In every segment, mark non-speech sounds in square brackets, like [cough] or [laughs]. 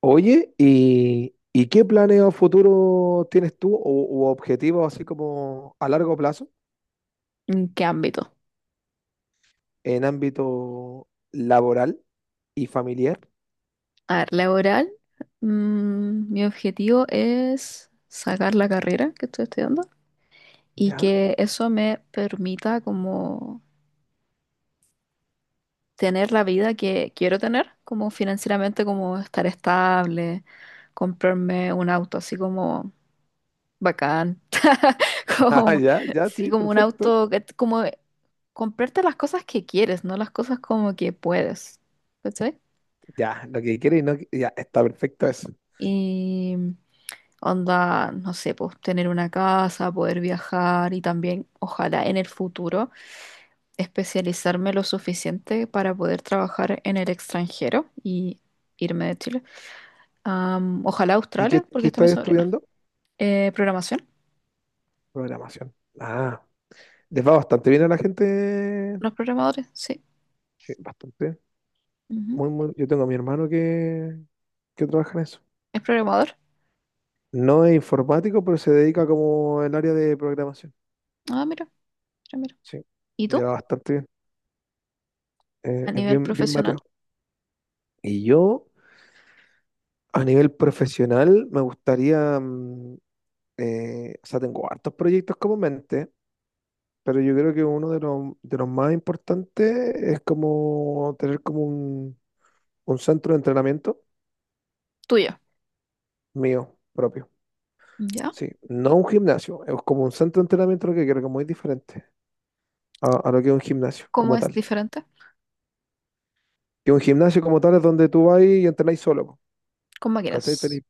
Oye, ¿y qué planes a futuro tienes tú o, u objetivos así como a largo plazo ¿En qué ámbito? en ámbito laboral y familiar? A ver, laboral, mi objetivo es sacar la carrera que estoy estudiando y Ya, que eso me permita como tener la vida que quiero tener, como financieramente, como estar estable, comprarme un auto así como bacán, [laughs] [laughs] ah, como, ya, ya, sí, sí, como un perfecto. auto, como comprarte las cosas que quieres, no las cosas como que puedes, ¿cachai? Ya, lo que quieres, y no, ya, está perfecto eso. Onda, no sé, pues tener una casa, poder viajar y también, ojalá en el futuro, especializarme lo suficiente para poder trabajar en el extranjero y irme de Chile. Ojalá ¿Y qué, Australia, porque qué está mi estás sobrina. estudiando? Programación, Programación. Ah, les va bastante bien a la gente. los programadores, sí. Sí, bastante. Ujú. Muy, muy, yo tengo a mi hermano que trabaja en eso. ¿Es programador? No es informático, pero se dedica como el área de programación. Ah, mira, mira, mira. Sí, ¿Y le tú? va bastante bien. A Es nivel bien, bien profesional, Mateo. Y yo, a nivel profesional, me gustaría, o sea, tengo hartos proyectos como mente, pero yo creo que uno de los más importantes es como tener como un centro de entrenamiento tuyo. mío propio. ¿Ya? Sí, no un gimnasio, es como un centro de entrenamiento lo que quiero, que es muy diferente a lo que es un gimnasio ¿Cómo como es tal. diferente? Que un gimnasio como tal es donde tú vas y entrenáis solo, po, Con máquinas. ¿cachai? Tenéis,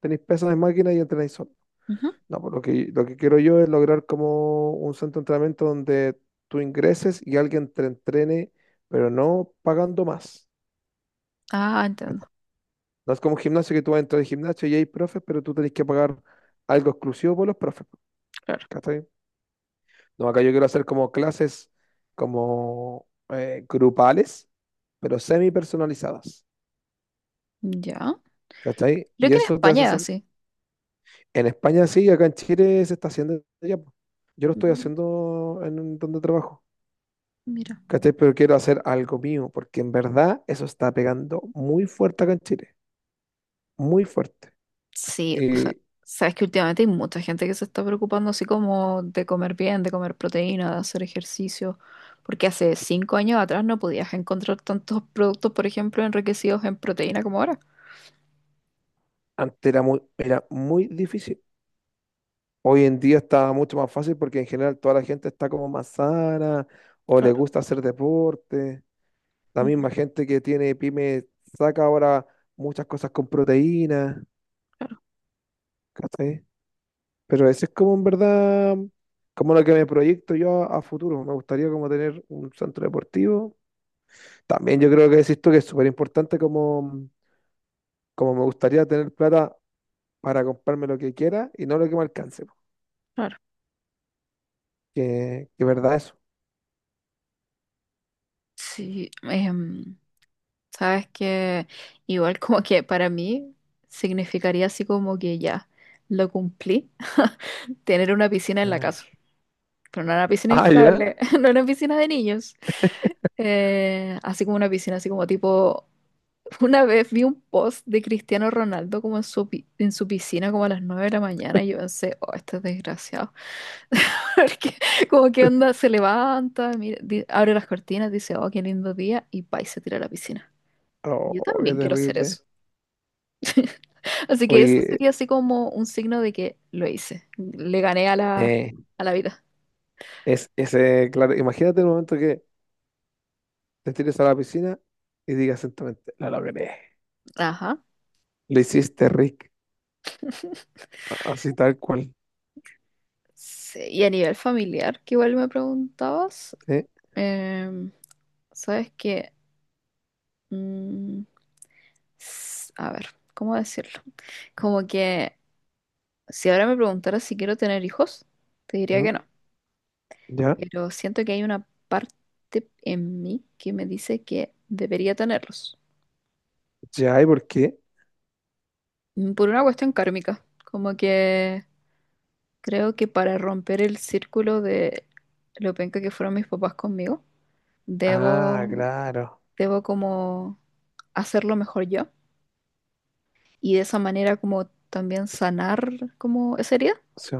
tenéis pesas de máquina y entrenáis solo. Ujú. No, pues lo que quiero yo es lograr como un centro de entrenamiento donde tú ingreses y alguien te entrene, pero no pagando más. Ah, entiendo, ¿Cachai? No es como un gimnasio que tú vas a entrar al gimnasio y hay profes, pero tú tenés que pagar algo exclusivo por los profes, pues, claro. ¿cachai? No, acá yo quiero hacer como clases como grupales, pero semi personalizadas. Ya. ¿Cachai? Creo Y que en eso te hace España es hacer. así. En España sí, acá en Chile se está haciendo ya, po. Yo lo estoy Mm, haciendo en donde trabajo. mira. ¿Cachai? Pero quiero hacer algo mío, porque en verdad eso está pegando muy fuerte acá en Chile, muy fuerte. Sí, o sea, Y sabes que últimamente hay mucha gente que se está preocupando así como de comer bien, de comer proteína, de hacer ejercicio, porque hace 5 años atrás no podías encontrar tantos productos, por ejemplo, enriquecidos en proteína como ahora. antes era muy difícil. Hoy en día está mucho más fácil porque en general toda la gente está como más sana o le Claro, gusta hacer deporte. La ujú, misma gente que tiene pyme saca ahora muchas cosas con proteínas, claro, ¿cachai? Pero eso es como en verdad, como lo que me proyecto yo a futuro. Me gustaría como tener un centro deportivo. También yo creo que decís tú que es súper importante como me gustaría tener plata para comprarme lo que quiera y no lo que me alcance, po. claro. Que verdad eso. Sí, sabes que igual como que para mí significaría así como que ya lo cumplí, [laughs] tener una piscina en la Ah, casa. Pero no era una piscina ah, ya. inflable, [laughs] no era una piscina de niños. Así como una piscina, así como tipo, una vez vi un post de Cristiano Ronaldo como en su, en su piscina como a las 9 de la mañana y yo pensé, oh, este es desgraciado, [laughs] porque como que onda, se levanta, mira, abre las cortinas, dice, oh, qué lindo día y pa, y se tira a la piscina. Yo Oh, qué también quiero hacer terrible. eso. [laughs] Así que eso Oye, sería así como un signo de que lo hice, le gané eh, a la vida. es ese, claro, imagínate el momento que te tires a la piscina y digas sentamente, la logré. Ajá. Lo hiciste, Rick. Así tal cual. Sí, y a nivel familiar, que igual me preguntabas, ¿Sí? em, sabes que, mm, a ver, ¿cómo decirlo? Como que si ahora me preguntaras si quiero tener hijos, te diría ¿Mm? que no, ¿Ya? pero siento que hay una parte en mí que me dice que debería tenerlos. ¿Ya? ¿Y por qué? Por una cuestión kármica, como que creo que para romper el círculo de lo penca que fueron mis papás conmigo, Ah, debo... claro. debo como hacerlo mejor yo y de esa manera como también sanar como esa herida. Sí,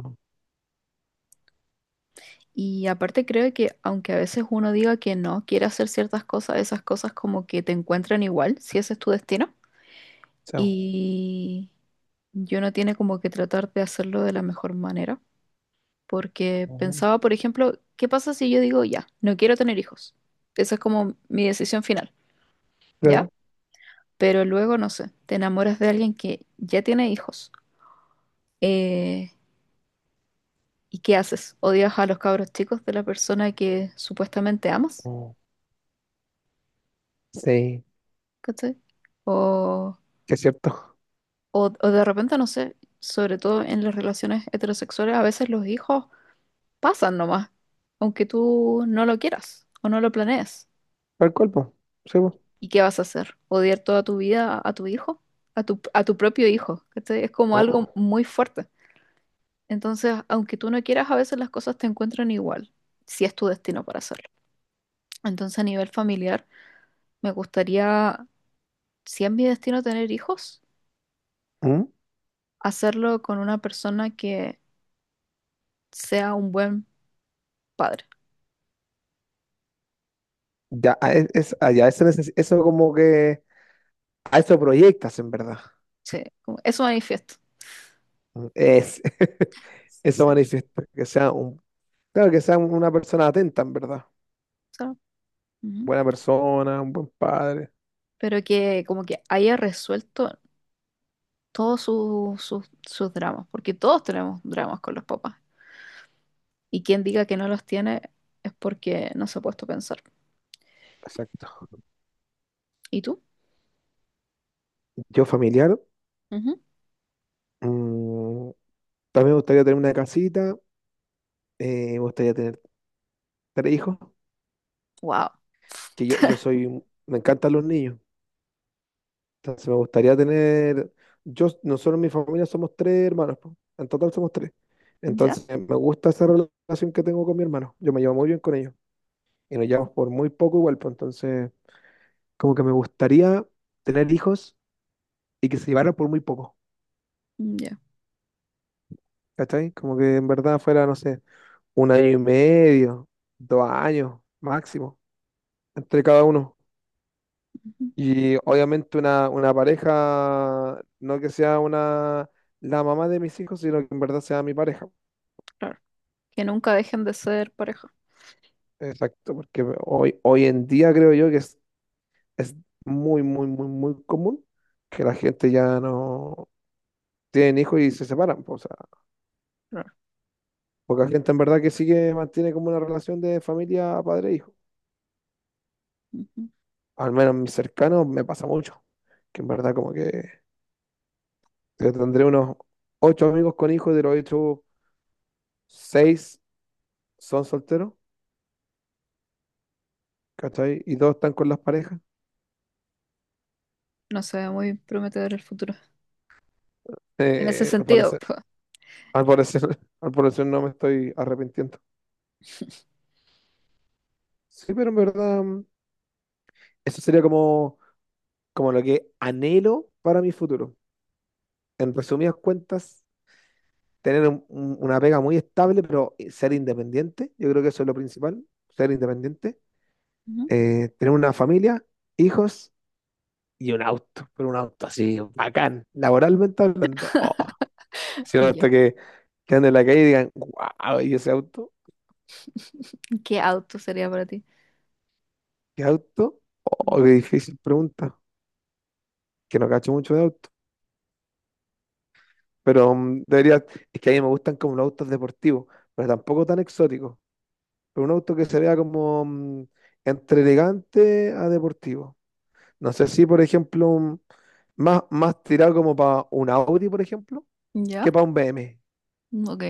Y aparte creo que aunque a veces uno diga que no quiere hacer ciertas cosas, esas cosas como que te encuentran igual, si ese es tu destino. sí. Y yo no tiene como que tratar de hacerlo de la mejor manera, porque Ujú. pensaba, por ejemplo, ¿qué pasa si yo digo ya, no quiero tener hijos? Esa es como mi decisión final, ¿ya? Claro. Pero luego, no sé, te enamoras de alguien que ya tiene hijos. eh, ¿Y qué haces? ¿Odias a los cabros chicos de la persona que supuestamente amas? Mm. Sí, ¿Cachai? O, que es cierto. o de repente, no sé, sobre todo en las relaciones heterosexuales, a veces los hijos pasan nomás, aunque tú no lo quieras o no lo planees. Tal cual, po. Sí, po. ¿Y qué vas a hacer? ¿Odiar toda tu vida a tu hijo? A tu propio hijo, ¿cachai? Es como algo Oh. muy fuerte. Entonces, aunque tú no quieras, a veces las cosas te encuentran igual, si es tu destino para hacerlo. Entonces, a nivel familiar, me gustaría si es mi destino tener hijos, ¿Mm? hacerlo con una persona que sea un buen padre. Ya, ah, ah, ya, eso, eso como que... A eso proyectas, en verdad. Sí, como- eso manifiesto. Mm, [laughs] eso Sí, manifiesta. Que sea un... Claro, que sea una persona atenta, en verdad. so- ujú. Buena persona, un buen padre. Pero que como que haya resuelto todos sus, dramas, porque todos tenemos dramas con los papás. Y quien diga que no los tiene es porque no se ha puesto a pensar. Exacto. ¿Y tú? Yo familiar, Ujú. mm, también me gustaría tener una casita, me gustaría tener tres hijos, Wow. que yo soy, me encantan los niños. Entonces me gustaría tener, yo, nosotros en mi familia somos tres hermanos, po. En total somos tres. ¿Ya? Entonces me gusta esa relación que tengo con mi hermano. Yo me llevo muy bien con ellos y nos llevamos por muy poco igual, pues entonces como que me gustaría tener hijos y que se llevaran por muy poco, Ya. ¿cachai? Como que en verdad fuera, no sé, un año y medio, dos años máximo entre cada uno. Ujú. Y obviamente una pareja, no que sea una, la mamá de mis hijos, sino que en verdad sea mi pareja. Claro. Que nunca dejen de ser pareja. Exacto, porque hoy en día creo yo que es muy, muy, muy, muy común que la gente ya no tienen hijos y se separan, po. O sea, Claro. poca gente en verdad que sigue, mantiene como una relación de familia padre-hijo. Ujú. Al menos mis cercanos me pasa mucho. Que en verdad como que yo tendré unos ocho amigos con hijos, de los ocho, seis son solteros, ¿cachai? Y dos están con las parejas. [laughs] No se ve muy prometedor el futuro. En ese Eh, al sentido. parecer, al parecer, [laughs] al parecer no me estoy arrepintiendo. [laughs] Sí, pero en verdad... eso sería como, lo que anhelo para mi futuro. En resumidas cuentas, tener una pega muy estable, pero ser independiente. Yo creo que eso es lo principal, ser independiente. Ujú. Tener una familia, hijos y un auto, pero un auto así, bacán, laboralmente hablando. Oh, si un Ya. auto que ande en la calle y digan, wow, ¿y ese auto? ¿Qué auto sería para ti? ¿Qué auto? Oh, qué Ujú. difícil pregunta, que no cacho mucho de auto. Pero debería, es que a mí me gustan como los autos deportivos, pero tampoco tan exóticos, pero un auto que se vea como entre elegante a deportivo. No sé si, por ejemplo, más tirado como para un Audi, por ejemplo, que Ya. para un BM. Ok.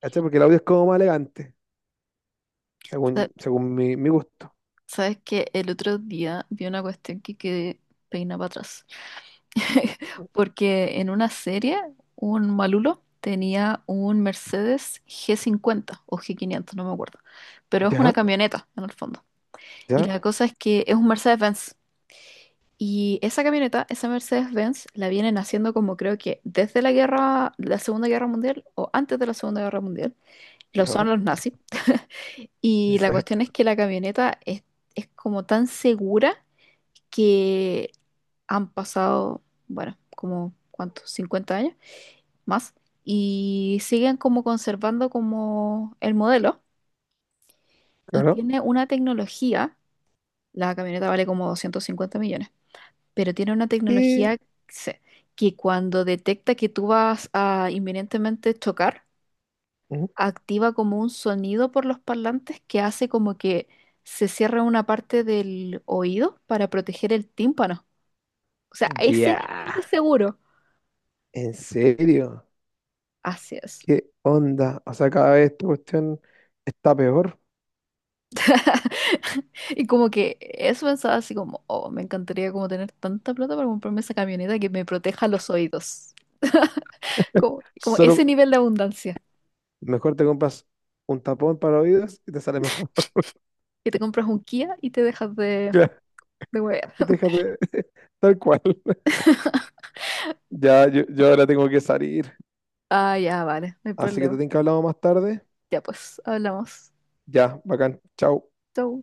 ¿Cachai? Porque el Audi es como más elegante, Sa- según mi gusto. Sabes que el otro día vi una cuestión que quedé peina para atrás. [laughs] Porque en una serie, un malulo tenía un Mercedes G 50 o G 500, no me acuerdo. Pero es una Ya, camioneta, en el fondo. Y ya, la cosa es que es un Mercedes-Benz. Y esa camioneta, esa Mercedes-Benz, la vienen haciendo como creo que desde la guerra, la Segunda Guerra Mundial o antes de la Segunda Guerra Mundial. Lo ya, son los nazis. [laughs] Y la ya, cuestión es que la camioneta es como tan segura que han pasado, bueno, como, ¿cuántos? 50 años más. Y siguen como conservando como el modelo. Y claro. tiene una tecnología, la camioneta vale como 250 millones, pero tiene una tecnología Y- se- que cuando detecta que tú vas a inminentemente chocar, ujú. activa como un sonido por los parlantes que hace como que se cierra una parte del oído para proteger el tímpano. O sea, a ese Ya, nivel de seguro. ¿en serio? Así es. ¿Qué onda? O sea, cada vez esta cuestión está peor. [laughs] Y como que eso pensaba así como, oh, me encantaría como tener tanta plata para comprarme esa camioneta que me proteja los oídos. Como, como ese Solo nivel de abundancia. mejor te compras un tapón para oídos y te sale mejor. Que te compras un Kia y te dejas de, [laughs] de huevear. [laughs] Déjate, [laughs] tal cual. Ya, yo ahora tengo que salir. Ah, ya, vale, no hay Así que te problema. tengo que hablar más tarde. Ya pues, hablamos. Ya, bacán. Chao. Chau.